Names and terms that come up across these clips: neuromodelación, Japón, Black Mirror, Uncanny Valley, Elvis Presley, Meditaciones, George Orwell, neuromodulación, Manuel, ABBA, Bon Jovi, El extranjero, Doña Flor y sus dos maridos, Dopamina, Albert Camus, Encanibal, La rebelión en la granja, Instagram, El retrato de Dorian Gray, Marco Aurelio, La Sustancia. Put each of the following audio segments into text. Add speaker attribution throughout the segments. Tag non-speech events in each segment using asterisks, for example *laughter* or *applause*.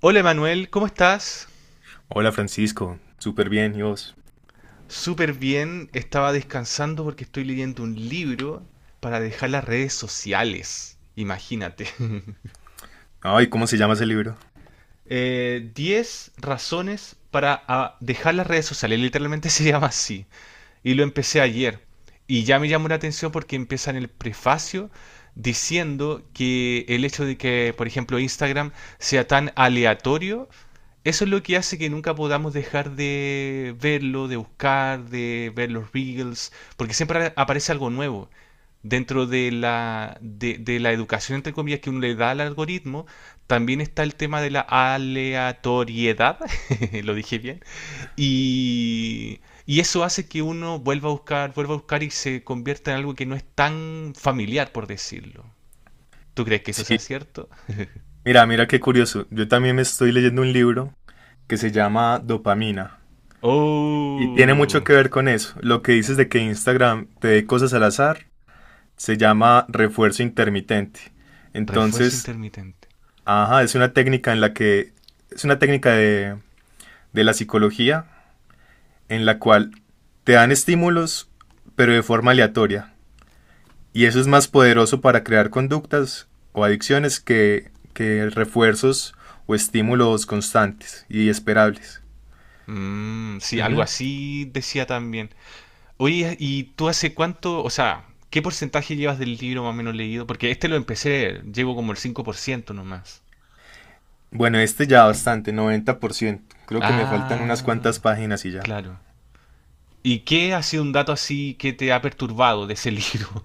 Speaker 1: Hola Manuel, ¿cómo estás?
Speaker 2: Hola Francisco, súper bien, ¿y vos?
Speaker 1: Súper bien, estaba descansando porque estoy leyendo un libro para dejar las redes sociales. Imagínate. *laughs*
Speaker 2: Ay, ¿cómo se llama ese libro?
Speaker 1: 10 razones para dejar las redes sociales, literalmente *laughs* se llama así. Y lo empecé ayer. Y ya me llamó la atención porque empieza en el prefacio diciendo que el hecho de que, por ejemplo, Instagram sea tan aleatorio, eso es lo que hace que nunca podamos dejar de verlo, de buscar, de ver los reels, porque siempre aparece algo nuevo. Dentro de la educación, entre comillas, que uno le da al algoritmo, también está el tema de la aleatoriedad, *laughs* lo dije bien, y, y eso hace que uno vuelva a buscar y se convierta en algo que no es tan familiar, por decirlo. ¿Tú crees que eso
Speaker 2: Sí,
Speaker 1: sea cierto?
Speaker 2: mira, qué curioso. Yo también me estoy leyendo un libro que se llama Dopamina y tiene mucho
Speaker 1: Oh,
Speaker 2: que ver con eso. Lo que dices de que Instagram te dé cosas al azar se llama refuerzo intermitente.
Speaker 1: refuerzo
Speaker 2: Entonces,
Speaker 1: intermitente.
Speaker 2: ajá, es una técnica en la que es una técnica de la psicología en la cual te dan estímulos, pero de forma aleatoria. Y eso es más poderoso para crear conductas o adicciones que refuerzos o estímulos constantes y esperables.
Speaker 1: Mm, sí, algo
Speaker 2: Ujú.
Speaker 1: así decía también. Oye, ¿y tú hace cuánto, o sea, qué porcentaje llevas del libro más o menos leído? Porque este lo empecé, llevo como el 5% nomás.
Speaker 2: Bueno, este ya bastante, 90%. Creo que me faltan unas cuantas
Speaker 1: Ah,
Speaker 2: páginas y ya.
Speaker 1: claro. ¿Y qué ha sido un dato así que te ha perturbado de ese libro?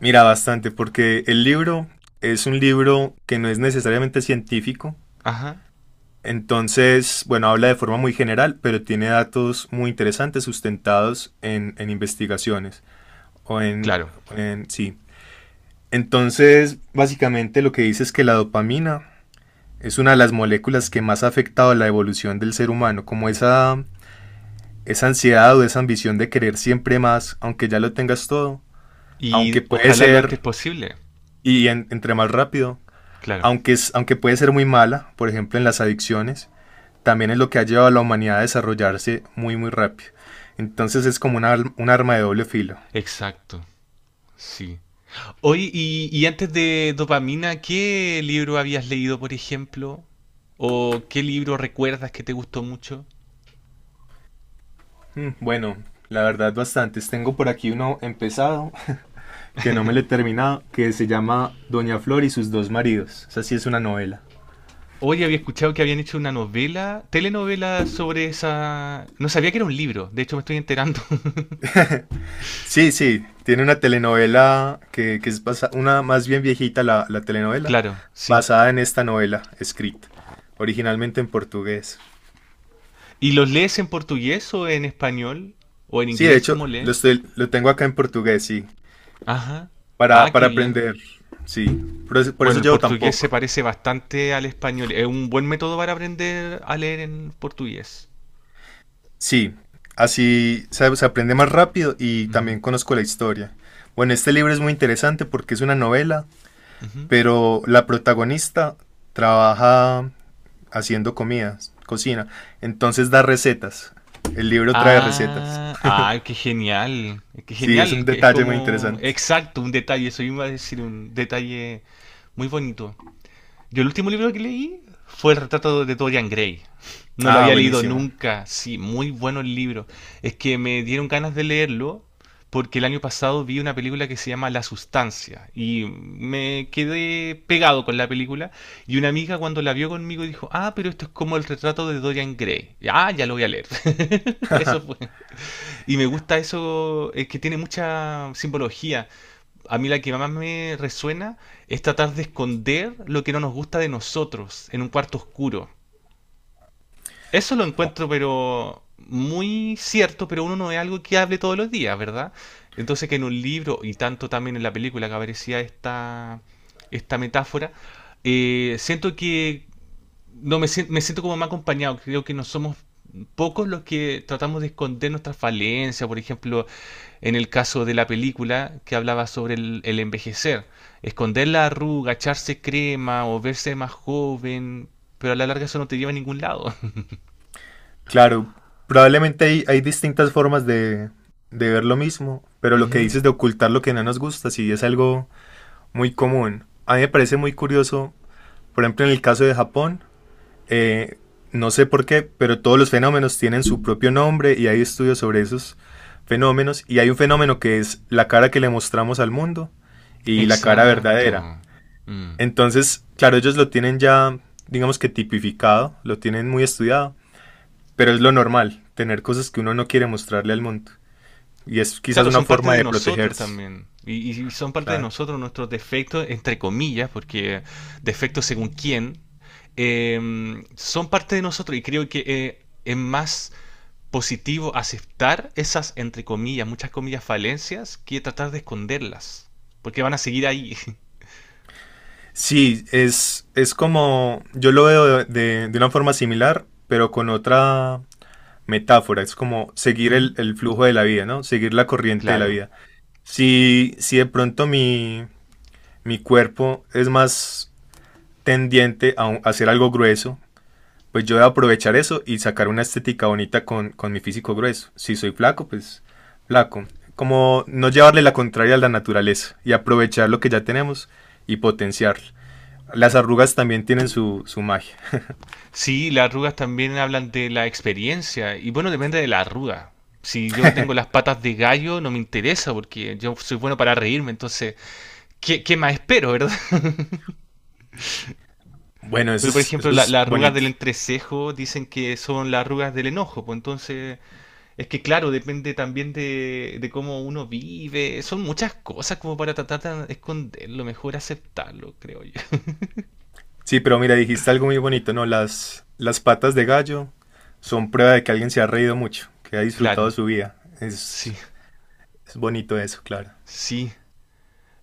Speaker 2: Mira, bastante, porque el libro es un libro que no es necesariamente científico.
Speaker 1: *laughs* Ajá,
Speaker 2: Entonces, bueno, habla de forma muy general, pero tiene datos muy interesantes sustentados en investigaciones o
Speaker 1: claro.
Speaker 2: sí. Entonces, básicamente lo que dice es que la dopamina es una de las moléculas que más ha afectado la evolución del ser humano, como esa ansiedad o esa ambición de querer siempre más, aunque ya lo tengas todo, aunque
Speaker 1: Y
Speaker 2: puede
Speaker 1: ojalá lo antes
Speaker 2: ser,
Speaker 1: posible.
Speaker 2: entre más rápido,
Speaker 1: Claro,
Speaker 2: aunque puede ser muy mala, por ejemplo en las adicciones, también es lo que ha llevado a la humanidad a desarrollarse muy muy rápido. Entonces es como un arma de doble filo.
Speaker 1: exacto. Sí. Hoy, y antes de dopamina, ¿qué libro habías leído, por ejemplo? ¿O qué libro recuerdas que te gustó mucho?
Speaker 2: Bueno, la verdad bastantes. Tengo por aquí uno empezado que no me le he terminado, que se llama Doña Flor y sus dos maridos. O sea, sí es una novela.
Speaker 1: Hoy había escuchado que habían hecho una novela, telenovela sobre esa... No sabía que era un libro, de hecho me estoy enterando. *laughs*
Speaker 2: Sí, sí, tiene una telenovela una más bien viejita la telenovela,
Speaker 1: Claro, sí.
Speaker 2: basada en esta novela escrita originalmente en portugués.
Speaker 1: ¿Y los lees en portugués o en español? ¿O en
Speaker 2: Sí, de
Speaker 1: inglés
Speaker 2: hecho,
Speaker 1: como lees?
Speaker 2: lo tengo acá en portugués, sí,
Speaker 1: Ajá. Ah, qué
Speaker 2: para
Speaker 1: bien.
Speaker 2: aprender, sí, por
Speaker 1: Bueno,
Speaker 2: eso
Speaker 1: el
Speaker 2: llevo tan
Speaker 1: portugués se
Speaker 2: poco.
Speaker 1: parece bastante al español. Es un buen método para aprender a leer en portugués.
Speaker 2: Sí, así se aprende más rápido y
Speaker 1: Ujú,
Speaker 2: también conozco la historia. Bueno, este libro es muy interesante porque es una novela.
Speaker 1: ujú.
Speaker 2: Pero la protagonista trabaja haciendo comidas, cocina, entonces da recetas. El libro trae recetas.
Speaker 1: Ah, ah, qué genial. Qué
Speaker 2: Sí, es un
Speaker 1: genial, que es
Speaker 2: detalle muy
Speaker 1: como...
Speaker 2: interesante.
Speaker 1: Exacto, un detalle. Eso iba a decir, un detalle muy bonito. Yo el último libro que leí fue el retrato de Dorian Gray. No lo
Speaker 2: Ah,
Speaker 1: había leído
Speaker 2: buenísimo.
Speaker 1: nunca. Sí, muy bueno el libro. Es que me dieron ganas de leerlo porque el año pasado vi una película que se llama La Sustancia y me quedé pegado con la película y una amiga cuando la vio conmigo dijo, ah, pero esto es como el retrato de Dorian Gray. Ya lo voy a leer. *laughs* Eso fue. Y me gusta eso, es que tiene mucha simbología. A mí la que más me resuena es tratar de esconder lo que no nos gusta de nosotros en un cuarto oscuro. Eso lo encuentro, pero muy cierto, pero uno no es algo que hable todos los días, ¿verdad? Entonces que en un libro y tanto también en la película que aparecía esta metáfora, siento que no, me siento como más acompañado. Creo que no somos pocos los que tratamos de esconder nuestras falencias. Por ejemplo, en el caso de la película que hablaba sobre el envejecer. Esconder la arruga, echarse crema o verse más joven. Pero a la larga eso no te lleva a ningún lado.
Speaker 2: Claro, probablemente hay distintas formas de ver lo mismo, pero
Speaker 1: *laughs*
Speaker 2: lo que
Speaker 1: Ujú.
Speaker 2: dices de ocultar lo que no nos gusta, sí es algo muy común. A mí me parece muy curioso, por ejemplo, en el caso de Japón. Eh, no sé por qué, pero todos los fenómenos tienen su propio nombre y hay estudios sobre esos fenómenos. Y hay un fenómeno que es la cara que le mostramos al mundo y la cara
Speaker 1: Exacto.
Speaker 2: verdadera.
Speaker 1: Mm.
Speaker 2: Entonces, claro, ellos lo tienen ya, digamos que tipificado, lo tienen muy estudiado, pero es lo normal, tener cosas que uno no quiere mostrarle al mundo. Y es quizás
Speaker 1: Claro,
Speaker 2: una
Speaker 1: son parte
Speaker 2: forma
Speaker 1: de
Speaker 2: de
Speaker 1: nosotros
Speaker 2: protegerse.
Speaker 1: también. Y son parte de
Speaker 2: Claro.
Speaker 1: nosotros nuestros defectos, entre comillas, porque defectos según quién, son parte de nosotros. Y creo que es más positivo aceptar esas, entre comillas, muchas comillas, falencias, que tratar de esconderlas. Porque van a seguir ahí. *laughs*
Speaker 2: Sí, es como, yo lo veo de una forma similar, pero con otra metáfora, es como seguir
Speaker 1: Ujú,
Speaker 2: el flujo de la vida, ¿no? Seguir la corriente de la
Speaker 1: claro.
Speaker 2: vida. Si de pronto mi cuerpo es más tendiente a, a hacer algo grueso, pues yo voy a aprovechar eso y sacar una estética bonita con mi físico grueso. Si soy flaco, pues flaco. Como no llevarle la contraria a la naturaleza y aprovechar lo que ya tenemos y potenciarlo. Las arrugas también tienen su magia.
Speaker 1: Sí, las arrugas también hablan de la experiencia. Y bueno, depende de la arruga. Si yo tengo las patas de gallo, no me interesa porque yo soy bueno para reírme. Entonces, ¿Qué más espero, verdad? *laughs*
Speaker 2: Bueno,
Speaker 1: Pero, por ejemplo,
Speaker 2: eso es
Speaker 1: las arrugas
Speaker 2: bonito.
Speaker 1: del entrecejo dicen que son las arrugas del enojo. Pues entonces, es que claro, depende también de cómo uno vive. Son muchas cosas como para tratar de esconderlo, mejor aceptarlo, creo yo. *laughs*
Speaker 2: Sí, pero mira, dijiste algo muy bonito, ¿no? Las patas de gallo son prueba de que alguien se ha reído mucho, que ha disfrutado
Speaker 1: Claro,
Speaker 2: su vida.
Speaker 1: sí,
Speaker 2: Es bonito eso, claro.
Speaker 1: sí.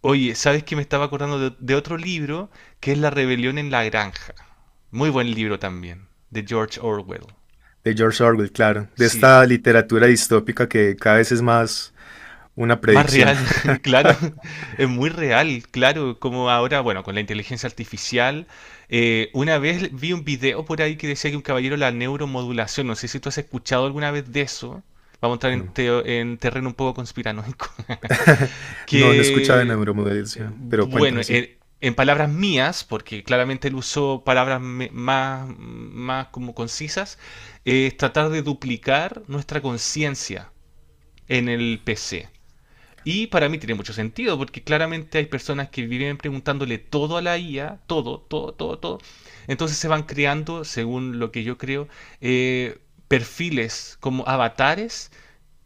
Speaker 1: Oye, ¿sabes que me estaba acordando de otro libro que es La rebelión en la granja? Muy buen libro también, de George Orwell.
Speaker 2: De George Orwell, claro. De
Speaker 1: Sí.
Speaker 2: esta literatura distópica que cada vez es más una
Speaker 1: Más
Speaker 2: predicción.
Speaker 1: real,
Speaker 2: *laughs*
Speaker 1: *laughs* claro, es muy real, claro, como ahora, bueno, con la inteligencia artificial. Una vez vi un video por ahí que decía que un caballero la neuromodulación, no sé si tú has escuchado alguna vez de eso, vamos a entrar
Speaker 2: Bueno,
Speaker 1: en terreno un poco conspiranoico. *laughs*
Speaker 2: *laughs* no, no he escuchado de
Speaker 1: que, eh,
Speaker 2: neuromodelación, pero
Speaker 1: bueno,
Speaker 2: cuéntame, sí.
Speaker 1: en palabras mías, porque claramente él usó palabras más como concisas. Es tratar de duplicar nuestra conciencia en el PC. Y para mí tiene mucho sentido, porque claramente hay personas que viven preguntándole todo a la IA, todo, todo, todo, todo. Entonces se van creando, según lo que yo creo, eh, perfiles como avatares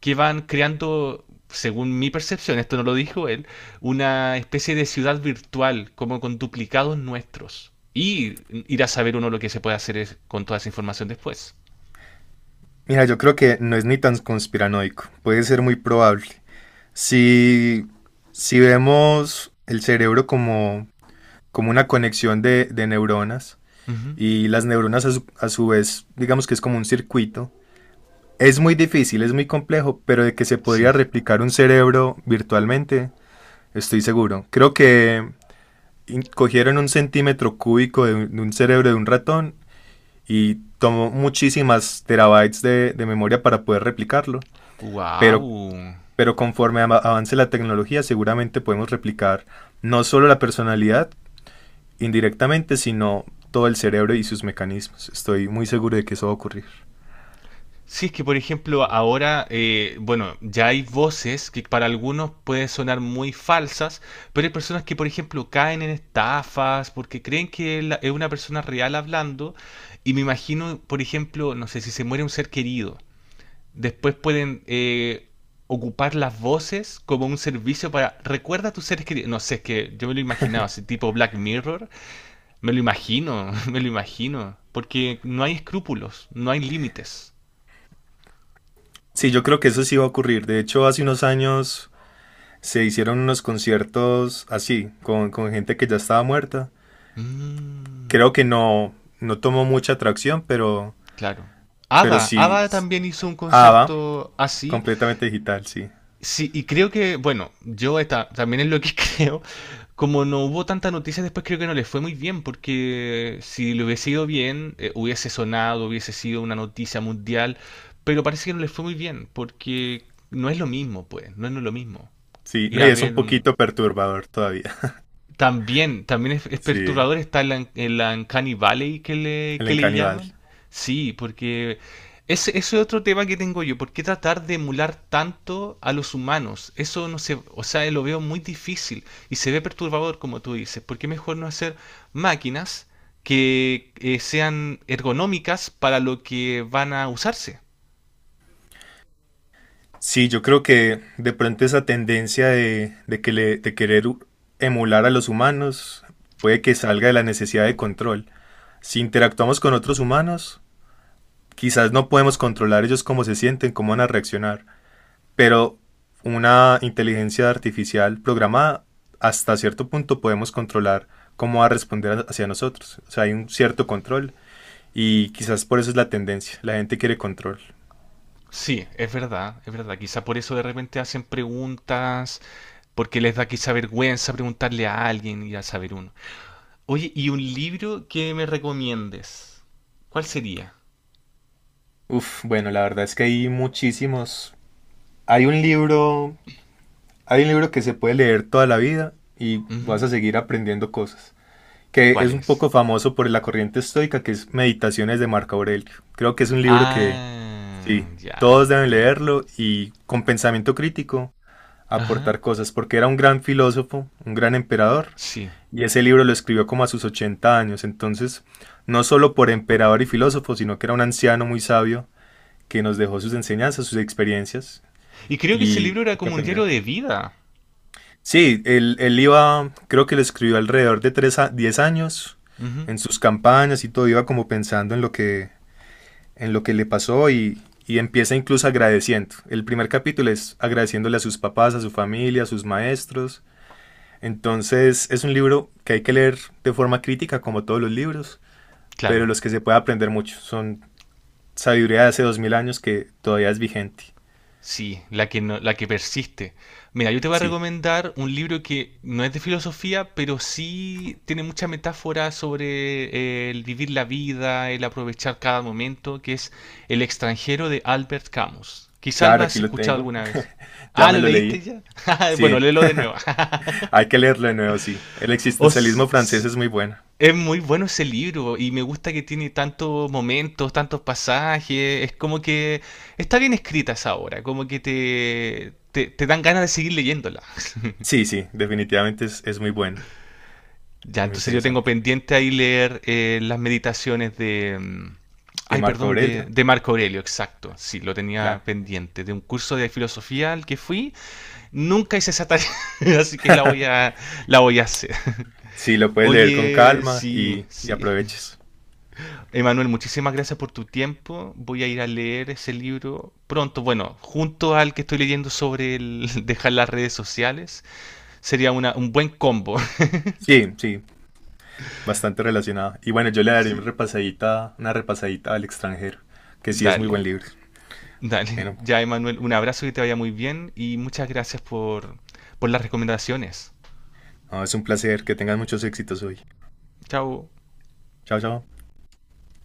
Speaker 1: que van creando, según mi percepción, esto no lo dijo él, una especie de ciudad virtual, como con duplicados nuestros. Y ir a saber uno lo que se puede hacer con toda esa información después.
Speaker 2: Mira, yo creo que no es ni tan conspiranoico, puede ser muy probable. Si, si vemos el cerebro como, como una conexión de neuronas,
Speaker 1: Ujú,
Speaker 2: y las neuronas a a su vez, digamos que es como un circuito. Es muy difícil, es muy complejo, pero de que se
Speaker 1: sí.
Speaker 2: podría replicar un cerebro virtualmente, estoy seguro. Creo que cogieron un centímetro cúbico de un cerebro de un ratón y tomó muchísimas terabytes de memoria para poder replicarlo. Pero,
Speaker 1: ¡Wow!
Speaker 2: pero conforme avance la tecnología, seguramente podemos replicar no solo la personalidad indirectamente, sino todo el cerebro y sus mecanismos. Estoy muy seguro de que eso va a ocurrir.
Speaker 1: Sí, es que por ejemplo ahora, bueno, ya hay voces que para algunos pueden sonar muy falsas, pero hay personas que por ejemplo caen en estafas porque creen que es una persona real hablando y me imagino, por ejemplo, no sé, si se muere un ser querido, después pueden ocupar las voces como un servicio para, recuerda a tus seres queridos, no sé, es que yo me lo imaginaba, así tipo Black Mirror, me lo imagino, *laughs* me lo imagino, porque no hay escrúpulos, no hay límites.
Speaker 2: Sí, yo creo que eso sí va a ocurrir. De hecho, hace unos años se hicieron unos conciertos así, con gente que ya estaba muerta.
Speaker 1: Mm,
Speaker 2: Creo que no, no tomó mucha atracción,
Speaker 1: claro.
Speaker 2: pero
Speaker 1: ABBA,
Speaker 2: sí,
Speaker 1: ABBA también hizo un
Speaker 2: ABBA,
Speaker 1: concierto así.
Speaker 2: completamente digital, sí.
Speaker 1: Sí, y creo que, bueno, yo esta, también es lo que *laughs* creo. Como no hubo tanta noticia después, creo que no le fue muy bien, porque si le hubiese ido bien, hubiese sonado, hubiese sido una noticia mundial, pero parece que no le fue muy bien, porque no es lo mismo, pues, no no es lo mismo.
Speaker 2: Sí,
Speaker 1: Ir
Speaker 2: no,
Speaker 1: a
Speaker 2: y es un
Speaker 1: ver
Speaker 2: poquito perturbador todavía. *laughs*
Speaker 1: También, también es
Speaker 2: Sí,
Speaker 1: perturbador, está en la Uncanny Valley que le,
Speaker 2: el
Speaker 1: que le
Speaker 2: Encanibal.
Speaker 1: llaman. Sí, porque ese es otro tema que tengo yo. ¿Por qué tratar de emular tanto a los humanos? Eso no sé, o sea, lo veo muy difícil y se ve perturbador, como tú dices. ¿Por qué mejor no hacer máquinas que sean ergonómicas para lo que van a usarse?
Speaker 2: Sí, yo creo que de pronto esa tendencia de querer emular a los humanos puede que salga de la necesidad de control. Si interactuamos con otros humanos, quizás no podemos controlar ellos cómo se sienten, cómo van a reaccionar, pero una inteligencia artificial programada hasta cierto punto podemos controlar cómo va a responder hacia nosotros. O sea, hay un cierto control y quizás por eso es la tendencia. La gente quiere control.
Speaker 1: Sí, es verdad, es verdad. Quizá por eso de repente hacen preguntas, porque les da quizá vergüenza preguntarle a alguien y a saber uno. Oye, ¿y un libro que me recomiendes? ¿Cuál sería?
Speaker 2: Uf, bueno, la verdad es que hay muchísimos. Hay un libro, hay un libro que se puede leer toda la vida y vas
Speaker 1: Ujú.
Speaker 2: a seguir aprendiendo cosas, que
Speaker 1: ¿Cuál
Speaker 2: es un
Speaker 1: es?
Speaker 2: poco famoso por la corriente estoica, que es Meditaciones de Marco Aurelio. Creo que es un libro que... Sí,
Speaker 1: Ah,
Speaker 2: todos
Speaker 1: ya,
Speaker 2: deben
Speaker 1: ya.
Speaker 2: leerlo y con pensamiento crítico
Speaker 1: Ajá,
Speaker 2: aportar cosas, porque era un gran filósofo, un gran emperador,
Speaker 1: sí.
Speaker 2: y ese libro lo escribió como a sus 80 años, entonces no solo por emperador y filósofo, sino que era un anciano muy sabio que nos dejó sus enseñanzas, sus experiencias,
Speaker 1: Y creo que ese
Speaker 2: y
Speaker 1: libro era
Speaker 2: hay que
Speaker 1: como un
Speaker 2: aprender.
Speaker 1: diario de vida.
Speaker 2: Sí, él iba, creo que lo escribió alrededor de 3, a 10 años,
Speaker 1: Ujú,
Speaker 2: en sus campañas y todo, iba como pensando en lo que le pasó, y empieza incluso agradeciendo. El primer capítulo es agradeciéndole a sus papás, a su familia, a sus maestros. Entonces es un libro que hay que leer de forma crítica como todos los libros, pero
Speaker 1: claro.
Speaker 2: los que se puede aprender mucho. Son sabiduría de hace 2000 años que todavía es vigente.
Speaker 1: Sí, la que no, la que persiste. Mira, yo te voy a
Speaker 2: Sí,
Speaker 1: recomendar un libro que no es de filosofía, pero sí tiene mucha metáfora sobre el vivir la vida, el aprovechar cada momento, que es El extranjero de Albert Camus. Quizás lo
Speaker 2: claro,
Speaker 1: has
Speaker 2: aquí lo
Speaker 1: escuchado
Speaker 2: tengo.
Speaker 1: alguna vez.
Speaker 2: *laughs* Ya
Speaker 1: Ah,
Speaker 2: me
Speaker 1: ¿lo
Speaker 2: lo
Speaker 1: leíste
Speaker 2: leí.
Speaker 1: ya? *laughs* Bueno,
Speaker 2: Sí,
Speaker 1: léelo de nuevo. *laughs*
Speaker 2: hay que leerlo de nuevo, sí. El
Speaker 1: O
Speaker 2: existencialismo francés
Speaker 1: s-
Speaker 2: es muy bueno.
Speaker 1: es muy bueno ese libro y me gusta que tiene tantos momentos, tantos pasajes. Es como que está bien escrita esa obra, como que te dan ganas de seguir leyéndola. *laughs*
Speaker 2: Sí, sí, definitivamente es muy bueno.
Speaker 1: Ya,
Speaker 2: Muy
Speaker 1: entonces yo tengo
Speaker 2: interesante.
Speaker 1: pendiente ahí leer las meditaciones de...
Speaker 2: De
Speaker 1: Ay,
Speaker 2: Marco
Speaker 1: perdón, de,
Speaker 2: Aurelio,
Speaker 1: de Marco Aurelio, exacto. Sí, lo tenía
Speaker 2: claro.
Speaker 1: pendiente. De un curso de filosofía al que fui. Nunca hice esa tarea, *laughs* así que la voy a hacer.
Speaker 2: Sí, lo puedes leer con
Speaker 1: Oye,
Speaker 2: calma
Speaker 1: sí,
Speaker 2: y
Speaker 1: sí.
Speaker 2: aproveches.
Speaker 1: Emanuel, muchísimas gracias por tu tiempo. Voy a ir a leer ese libro pronto. Bueno, junto al que estoy leyendo sobre el *laughs* dejar las redes sociales, sería un buen combo. *laughs*
Speaker 2: Sí, sí, bastante relacionado. Y bueno, yo le daré
Speaker 1: Sí,
Speaker 2: una repasadita al extranjero, que sí es muy
Speaker 1: dale,
Speaker 2: buen libro.
Speaker 1: dale.
Speaker 2: Bueno,
Speaker 1: Ya, Emanuel, un abrazo que te vaya muy bien y muchas gracias por las recomendaciones.
Speaker 2: no, es un placer, que tengas muchos éxitos hoy.
Speaker 1: Chao.
Speaker 2: Chao, chao.